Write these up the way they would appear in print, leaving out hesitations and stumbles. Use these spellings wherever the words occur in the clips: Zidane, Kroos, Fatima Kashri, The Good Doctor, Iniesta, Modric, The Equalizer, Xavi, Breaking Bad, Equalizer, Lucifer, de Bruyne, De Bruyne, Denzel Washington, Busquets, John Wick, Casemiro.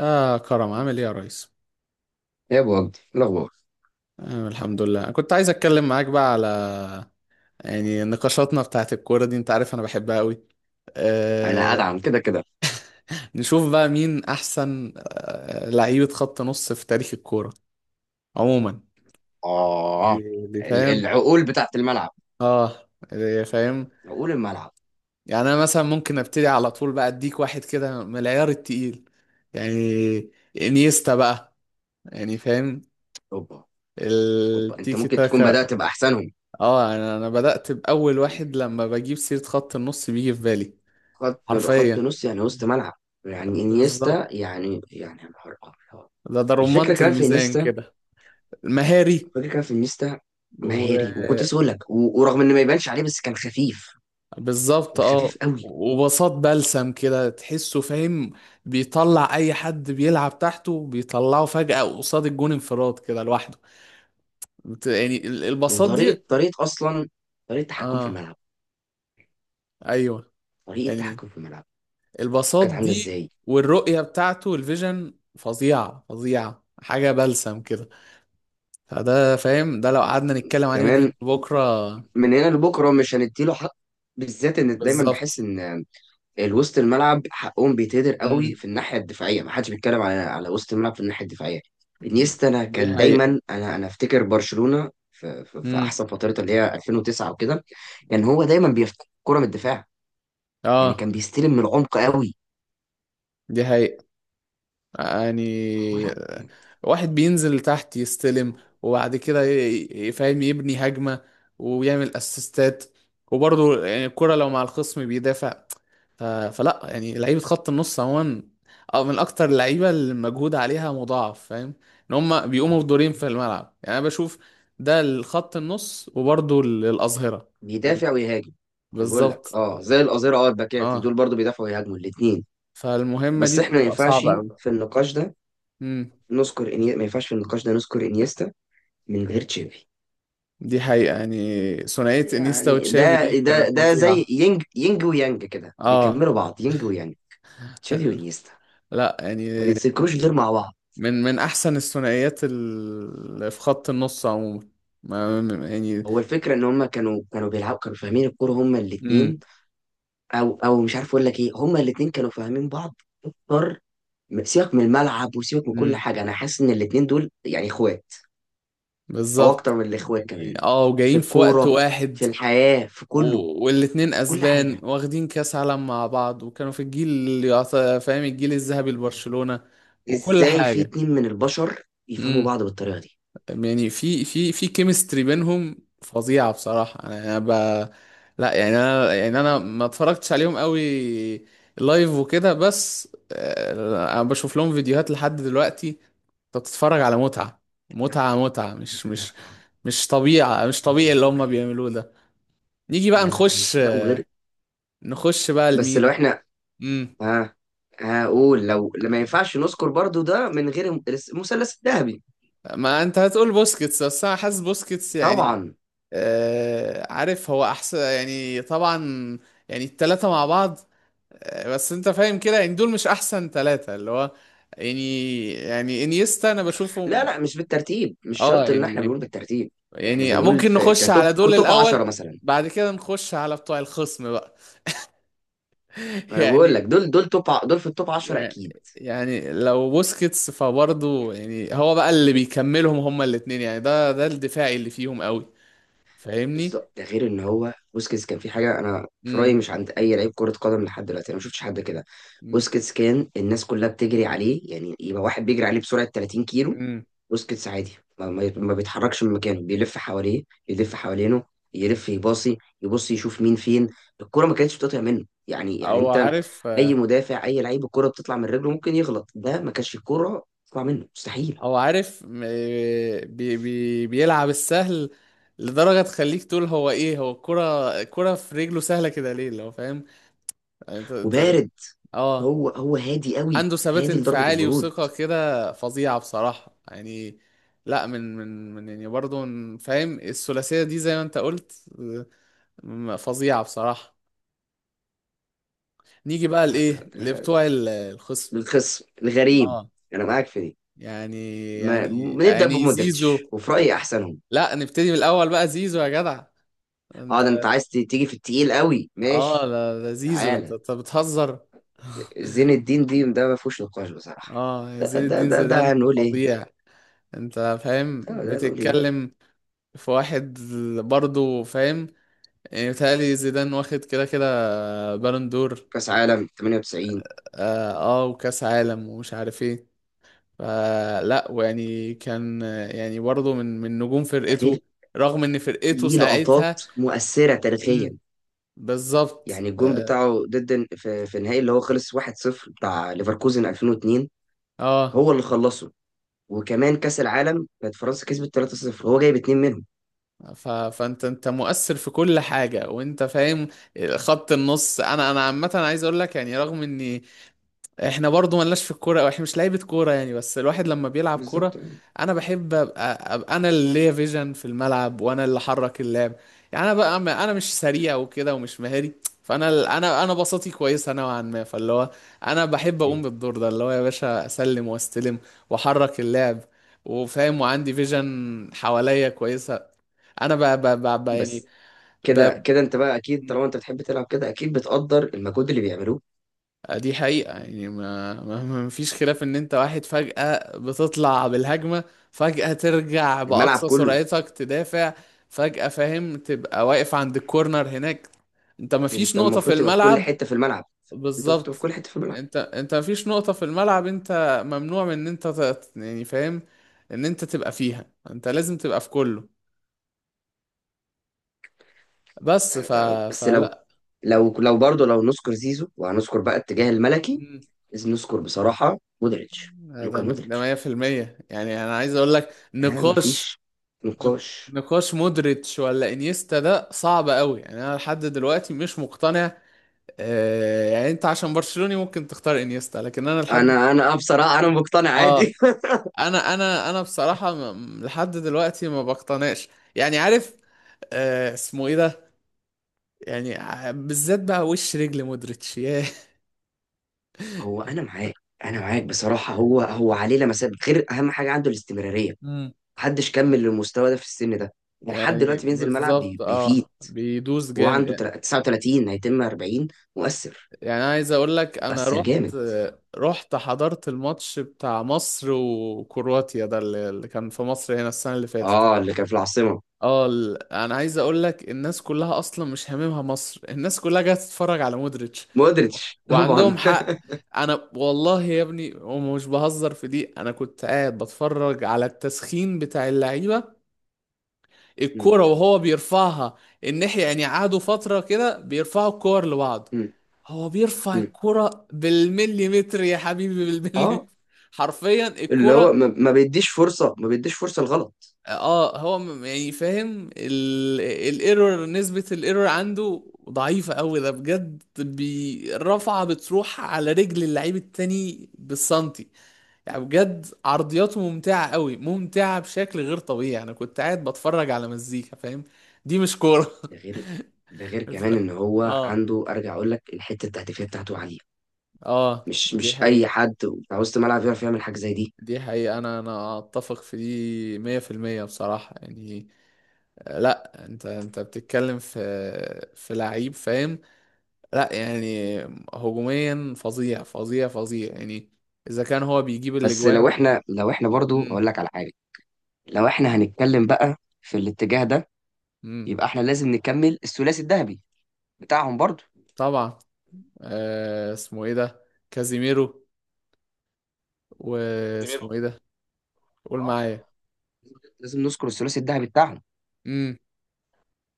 كرم عامل إيه يا ريس؟ يا ابو وجدي، إيه الاخبار؟ الحمد لله، كنت عايز أتكلم معاك بقى على يعني نقاشاتنا بتاعت الكورة دي. أنت عارف أنا بحبها قوي. انا آه. ادعم كده كده. نشوف بقى مين أحسن لعيبة خط نص في تاريخ الكورة عموما. دي اه، دي فاهم؟ العقول بتاعت الملعب، آه، دي فاهم؟ عقول الملعب. يعني أنا مثلا ممكن أبتدي على طول بقى أديك واحد كده من العيار التقيل، يعني إنيستا بقى، يعني فاهم؟ اوبا، اوبا، انت التيكي ممكن تكون تاكا. بدأت باحسنهم. اه، انا بدأت بأول واحد، لما بجيب سيرة خط النص بيجي في بالي. خط حرفيا. نص يعني وسط ملعب. يعني بالظبط. انيستا، يعني يا نهار أبيض. ده رمانة الفكره كمان في الميزان انيستا. كده. مهاري. الفكره كمان في انيستا. مهاري. وكنت وبالظبط، لسه بقول لك، ورغم ان ما يبانش عليه بس كان خفيف، كان اه. خفيف قوي. وبساط بلسم كده، تحسه فاهم. بيطلع اي حد بيلعب تحته، بيطلعه فجأة قصاد الجون انفراد كده لوحده. يعني البساط دي. وطريقه اصلا، طريقه تحكم في اه، الملعب. ايوه. طريقه يعني تحكم في الملعب البساط كانت عامله دي. ازاي. والرؤية بتاعته الفيجن فظيعة، فظيعة حاجة بلسم كده. فده فاهم، ده لو قعدنا نتكلم عليه من هنا كمان لبكره. من هنا لبكره مش هنديله حق، بالذات ان دايما بحس بالظبط. ان الوسط الملعب حقهم بيتهدر قوي امم. في الناحيه الدفاعيه. ما حدش بيتكلم على وسط الملعب في الناحيه الدفاعيه. انيستا، انا دي كان حقيقة. دايما، انا افتكر برشلونه في امم. احسن فترتها اللي هي 2009 وكده. كان هو دايما بيفتح كره من الدفاع. يعني اه، كان بيستلم من العمق قوي. دي حقيقة. يعني هو لا. واحد بينزل تحت يستلم، وبعد كده فاهم يبني هجمة، ويعمل اسيستات. وبرضه يعني الكرة لو مع الخصم بيدافع. فلا، يعني لعيبة خط النص عموما أو من أكتر اللعيبة اللي المجهود عليها مضاعف، فاهم، إن هما بيقوموا طبعا. بدورين في الملعب. يعني أنا بشوف ده الخط النص، وبرضه الأظهرة. ال- بيدافع ويهاجم. انا بقول لك بالظبط، اه، زي القذيره، اه الباكات اه. دول برضو بيدافعوا ويهاجموا الاثنين. فالمهمة بس دي احنا ما بتبقى ينفعش صعبة في النقاش ده أوي. نذكر ما ينفعش في النقاش ده نذكر انيستا من غير تشافي. دي حقيقة، يعني ثنائية انيستا يعني وتشافي ده دي ده كانت ده زي فظيعة. ينج ينج ويانج كده اه. بيكملوا بعض، ينج ويانج، تشافي وانيستا. لا ما يعني بيتذكروش غير مع بعض. من احسن الثنائيات اللي في خط النص عموما. يعني. هو الفكره ان هم كانوا بيلعبوا، كانوا فاهمين الكوره هم الاثنين. امم. او مش عارف اقول لك ايه. هم الاثنين كانوا فاهمين بعض اكتر. سيبك من الملعب وسيبك من كل امم. حاجه، انا حاسس ان الاثنين دول يعني اخوات، او بالظبط، اكتر من الاخوات يعني كمان. اه في وجايين في وقت الكوره، واحد. في الحياه، في كله، والاتنين في كل اسبان حاجه. واخدين كاس عالم مع بعض، وكانوا في الجيل اللي فاهم الجيل الذهبي لبرشلونة وكل ازاي في حاجة. اتنين من البشر يفهموا امم. بعض بالطريقه دي. يعني في كيمستري بينهم، فظيعة بصراحة. انا ب... لا يعني انا، يعني انا ما اتفرجتش عليهم قوي لايف وكده، بس آه، انا بشوف لهم فيديوهات لحد دلوقتي. انت بتتفرج على متعة، لا، متعة متعة، لا، مش لا، مش لا. مش طبيعة، مش هم طبيعي مش اللي هم طبيعيين. بيعملوه ده. نيجي بقى نخش. لا وغير. نخش بقى بس لو لمين. احنا، امم. ها، هقول لو ما ينفعش نذكر برضو ده من غير المثلث الذهبي. ما انت هتقول بوسكيتس، بس انا حاسس بوسكيتس يعني طبعا. آه، عارف هو احسن، يعني طبعا. يعني التلاتة مع بعض. آه، بس انت فاهم كده، يعني دول مش احسن تلاتة اللي هو، يعني انيستا انا لا، بشوفهم. لا، مش بالترتيب، مش اه شرط ان احنا يعني، بنقول بالترتيب. احنا يعني بنقول ممكن في نخش كتوب على دول كتوب 10 الاول، مثلا. بعد كده نخش على بتوع الخصم بقى. انا بقول يعني، لك دول في التوب 10 يعني اكيد. يعني لو بوسكيتس، فبرضه يعني هو بقى اللي بيكملهم هما الاتنين. يعني ده الدفاعي اللي فيهم قوي، فاهمني. بالظبط، ده غير ان هو بوسكيتس كان في حاجه، انا في رايي امم. مش عند اي لعيب كره قدم لحد دلوقتي، انا ما شفتش حد كده. امم. بوسكيتس كان الناس كلها بتجري عليه، يعني يبقى واحد بيجري عليه بسرعه 30 كيلو، امم. بوسكيتس عادي. ما بيتحركش من مكانه، بيلف حواليه، يلف حوالينه. يلف، يباصي، يبص، يشوف مين فين. الكره ما كانتش بتقطع منه. يعني او انت، عارف. اي مدافع، اي لعيب الكره بتطلع من رجله ممكن يغلط، ده ما كانش الكره تطلع منه مستحيل. هو عارف بي بي بيلعب السهل لدرجة تخليك تقول هو ايه، هو الكرة في رجله سهلة كده ليه لو فاهم. يعني وبارد. اه، هو هادي قوي، عنده ثبات هادي لدرجه انفعالي البرود. وثقة كده فظيعة بصراحة، يعني لا من يعني برضه فاهم الثلاثية دي زي ما انت قلت. فظيعة بصراحة. نيجي بقى لا، لا، لايه ده لبتوع الخصم. للخصم الغريم. اه، انا معاك في دي، يعني ما يعني بنبدا يعني بمودريتش زيزو. وفي رايي احسنهم. لا نبتدي من الاول بقى زيزو يا جدع. اه ده انت عايز تيجي في التقيل قوي، اه ماشي، لا لا، زيزو انت تعالى. انت بتهزر. زين الدين دي، ده ما فيهوش نقاش بصراحه. اه، ده زين ده الدين ده, ده زيدان هنقول ايه؟ فظيع. انت فاهم ده هنقول ايه؟ بتتكلم في واحد، برضه فاهم. يعني بيتهيألي زيدان واخد كده كده بالون دور. كاس عالم 98، اه آه، وكاس عالم ومش عارف ايه. فلا، ويعني كان، يعني برضه من نجوم ده غير فرقته، رغم ان فرقته ليه لقطات ساعتها. مؤثره امم. تاريخيا. بالظبط، يعني الجون اه. بتاعه ضد، في النهائي اللي هو خلص 1-0 بتاع ليفركوزن 2002، آه. هو اللي خلصه. وكمان كاس العالم كانت فرنسا كسبت 3-0، هو جايب اتنين منهم. فانت مؤثر في كل حاجه وانت فاهم. خط النص، انا عامه عايز اقول لك، يعني رغم اني، احنا برضو ملناش في الكوره او احنا مش لعيبه كوره، يعني بس الواحد لما بيلعب كوره، بالظبط. انا بحب أبقى انا اللي ليا فيجن في الملعب وانا اللي حرك اللعب. يعني انا بقى، انا مش سريع وكده، ومش مهاري. فانا، انا بساطي كويسه نوعا ما. فاللي هو، انا بحب اقوم بالدور ده اللي هو يا باشا اسلم واستلم واحرك اللعب، وفاهم وعندي فيجن حواليا كويسه. انا يعني بس كده ب كده انت بقى اكيد، طالما انت بتحب تلعب كده اكيد بتقدر المجهود اللي بيعملوه، آه، دي حقيقة. يعني ما فيش خلاف ان انت واحد فجأة بتطلع بالهجمة، فجأة ترجع الملعب بأقصى كله. سرعتك تدافع، فجأة فاهم تبقى واقف عند الكورنر هناك. انت ما فيش انت نقطة في المفروض تبقى في كل الملعب. حته في الملعب. انت المفروض تبقى في كل بالظبط. حته في الملعب. انت ما فيش نقطة في الملعب. انت ممنوع من ان انت يعني فاهم، ان انت تبقى فيها. انت لازم تبقى في كله. بس بس لو فلا. لو لو برضه لو نذكر زيزو، وهنذكر بقى الاتجاه الملكي مم. لازم نذكر بصراحه مودريتش، ده لوكا ده مودريتش. 100%. يعني انا عايز اقول لك ها، نقاش، مفيش نقاش. نقاش مودريتش ولا انيستا ده صعب قوي. يعني انا لحد دلوقتي مش مقتنع. آه، يعني انت عشان برشلوني ممكن تختار انيستا، لكن انا لحد، انا آه، بصراحه انا مقتنع عادي. اه انا بصراحة لحد دلوقتي ما بقتنعش، يعني عارف، آه اسمه ايه ده، يعني بالذات بقى وش رجل مودريتش ياه. هو انا معاك. بصراحه هو عليه لمسات غير. اهم حاجه عنده الاستمراريه. مم. محدش كمل للمستوى ده في السن ده. ده لحد يعني دلوقتي بينزل الملعب بالظبط، بيفيد. اه بيدوس وهو جامد. عنده 39 هيتم 40. مؤثر، يعني أنا عايز اقول لك، انا مؤثر رحت جامد. رحت حضرت الماتش بتاع مصر وكرواتيا ده اللي اللي كان في مصر هنا السنة اللي فاتت. اه اللي كان في العاصمة. اه، انا عايز اقول لك الناس كلها اصلا مش هاممها مصر، الناس كلها جايه تتفرج على مودريتش. مودريتش طبعا. وعندهم حق. انا والله يا ابني ومش بهزر في دي، انا كنت قاعد بتفرج على التسخين بتاع اللعيبة، م- الكورة وهو بيرفعها الناحية. يعني قعدوا فترة كده بيرفعوا الكور لبعض، م- هو بيرفع م. الكرة بالمليمتر يا حبيبي، بالمليمتر. اه حرفيا اللي الكرة. هو ما بيديش مش، فرصة، ما بيديش فرصة لغلط. اه هو يعني فاهم الايرور، نسبة الايرور عنده ضعيفة قوي، ده بجد. الرفعة بتروح على رجل اللعيب التاني بالسنتي. يعني بجد عرضياته ممتعة قوي، ممتعة بشكل غير طبيعي. انا كنت قاعد بتفرج على مزيكا فاهم، دي مش كورة. ده غير، ده غير ف- كمان ان هو اه. عنده، ارجع اقول لك الحتة التهديفية بتاعته عالية. اه مش دي مش اي حقيقة. حد بتاع وسط الملعب يعرف يعمل حاجة زي دي. دي حقيقة، انا اتفق في دي 100% بصراحة، يعني آه، لا انت بتتكلم في، في لعيب فاهم. لا يعني هجوميا فظيع فظيع فظيع، يعني اذا كان هو بيجيب بس لو الاجوان. احنا لو احنا برضو امم. اقول لك على حاجة. لو احنا هنتكلم بقى في الاتجاه ده، امم. يبقى احنا لازم نكمل الثلاثي الذهبي بتاعهم برضو. طبعا، آه اسمه ايه ده، كازيميرو، زميلهم. واسمه ايه ده، قول معايا. لازم نذكر الثلاثي الذهبي بتاعهم. امم.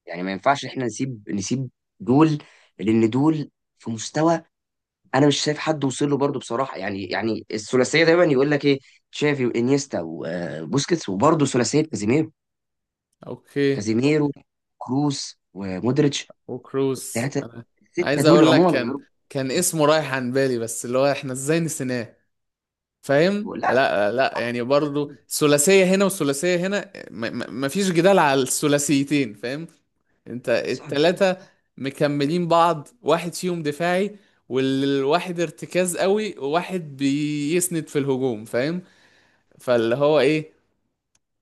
يعني ما ينفعش احنا نسيب دول، لان دول في مستوى. انا مش شايف حد وصل له برضه بصراحه. يعني الثلاثيه دايما يقول لك ايه: تشافي وانيستا وبوسكيتس. وبرضه ثلاثيه كازيميرو، اوكي. كازيميرو كروس ومودريتش. وكروس. ثلاثه. انا أنا السته عايز دول اقول لك عموما كان، غير. كان اسمه رايح عن بالي، بس اللي هو احنا ازاي نسيناه، فاهم. لا لا لا، يعني برضو ثلاثية هنا وثلاثية هنا. مفيش جدال على الثلاثيتين، فاهم. انت صعب. التلاتة مكملين بعض، واحد فيهم دفاعي، والواحد ارتكاز قوي، وواحد بيسند في الهجوم فاهم. فاللي هو ايه،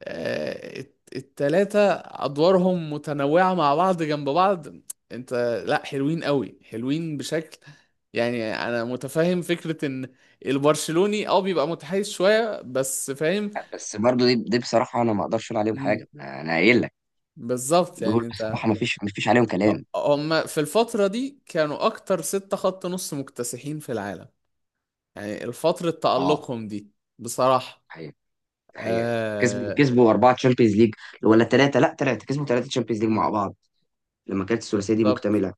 آه، التلاتة أدوارهم متنوعة مع بعض جنب بعض. أنت، لأ حلوين قوي، حلوين بشكل. يعني أنا متفهم فكرة إن البرشلوني بيبقى متحيز شوية، بس فاهم. بس برضه دي بصراحه انا ما اقدرش اقول عليهم مم. حاجه. انا قايل لك بالظبط، دول يعني أنت بصراحه، ما فيش عليهم كلام. هما في الفترة دي كانوا أكتر ستة خط نص مكتسحين في العالم، يعني الفترة اه، تألقهم دي بصراحة. حقيقة، حقيقة. كسبوا آه. كسبوا 4 تشامبيونز ليج، ولا 3، لا 3. كسبوا 3 تشامبيونز ليج مم. مع بعض لما كانت الثلاثية دي بالظبط. مكتملة.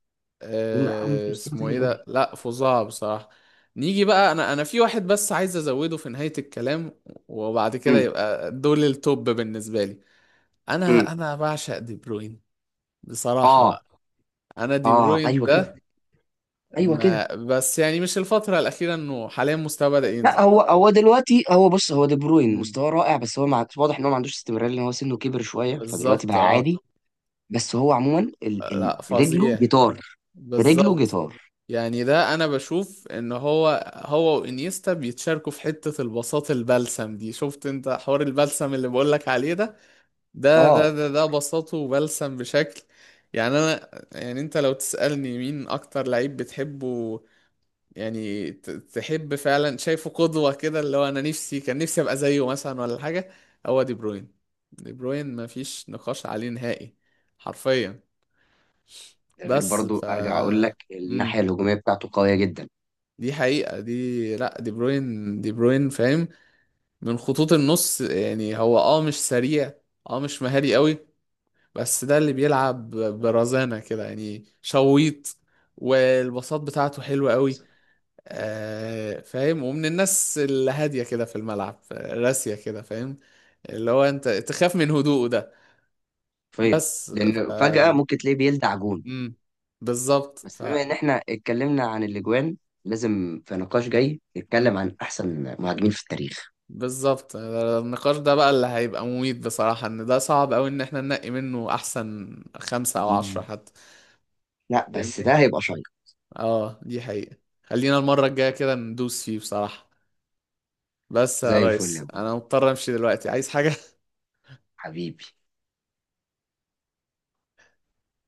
هم، لا، هم في آه، مستوى اسمه تاني ايه ده، قوي. لا فظاع بصراحة. نيجي بقى، انا في واحد بس عايز ازوده في نهاية الكلام، وبعد كده امم، يبقى دول التوب بالنسبة لي. امم، انا بعشق دي بروين بصراحة اه، بقى. انا دي اه، بروين ايوه كده، ده، ايوه كده. ما بس يعني مش الفترة الأخيرة، انه حاليا مستواه بدأ لا، ينزل. هو دلوقتي، هو بص، هو دي بروين مم. مستواه رائع. بس هو واضح ان هو ما عندوش استمرار، لان هو سنه كبر شوية، فدلوقتي بالظبط، بقى اه. عادي. بس هو عموما لا رجله فظيع. جيتار، رجله بالظبط، جيتار. يعني ده انا بشوف ان هو وانيستا بيتشاركوا في حتة البساط البلسم دي. شفت انت حوار البلسم اللي بقولك عليه ده، ده ده اه. ده, ده بساطه وبلسم بشكل، يعني انا، يعني انت لو تسألني مين اكتر لعيب بتحبه، يعني تحب فعلا شايفه قدوة كده اللي هو انا نفسي، كان نفسي ابقى زيه مثلا ولا حاجة، هو دي بروين. دي بروين مفيش نقاش عليه نهائي، حرفيا. ده غير بس برضو، ارجع اقول لك الناحية الهجومية بتاعته قوية جدا. دي حقيقة. دي، لا دي بروين، دي بروين فاهم، من خطوط النص. يعني هو مش سريع، اه مش مهاري قوي، بس ده اللي بيلعب برزانة كده يعني شويط، والبساط بتاعته حلوة قوي. آه فاهم، ومن الناس الهادية كده في الملعب، راسية كده فاهم، اللي هو انت تخاف من هدوءه ده. حرفيا، بس لان فجأة ممكن تلاقيه بيلدع جون. مم. بالظبط، بس بما ان احنا اتكلمنا عن الاجوان، لازم في نقاش جاي نتكلم عن احسن مهاجمين في التاريخ. بالظبط. النقاش ده بقى اللي هيبقى مميت بصراحة، ان ده صعب اوي ان احنا ننقي منه احسن خمسة او دي. عشرة حتى، لا بس فاهمني. ده هيبقى شيق. اه دي حقيقة. خلينا المرة الجاية كده ندوس فيه بصراحة. بس يا زي الفل يا ريس ابو انا مضطر امشي دلوقتي، عايز حاجة حبيبي.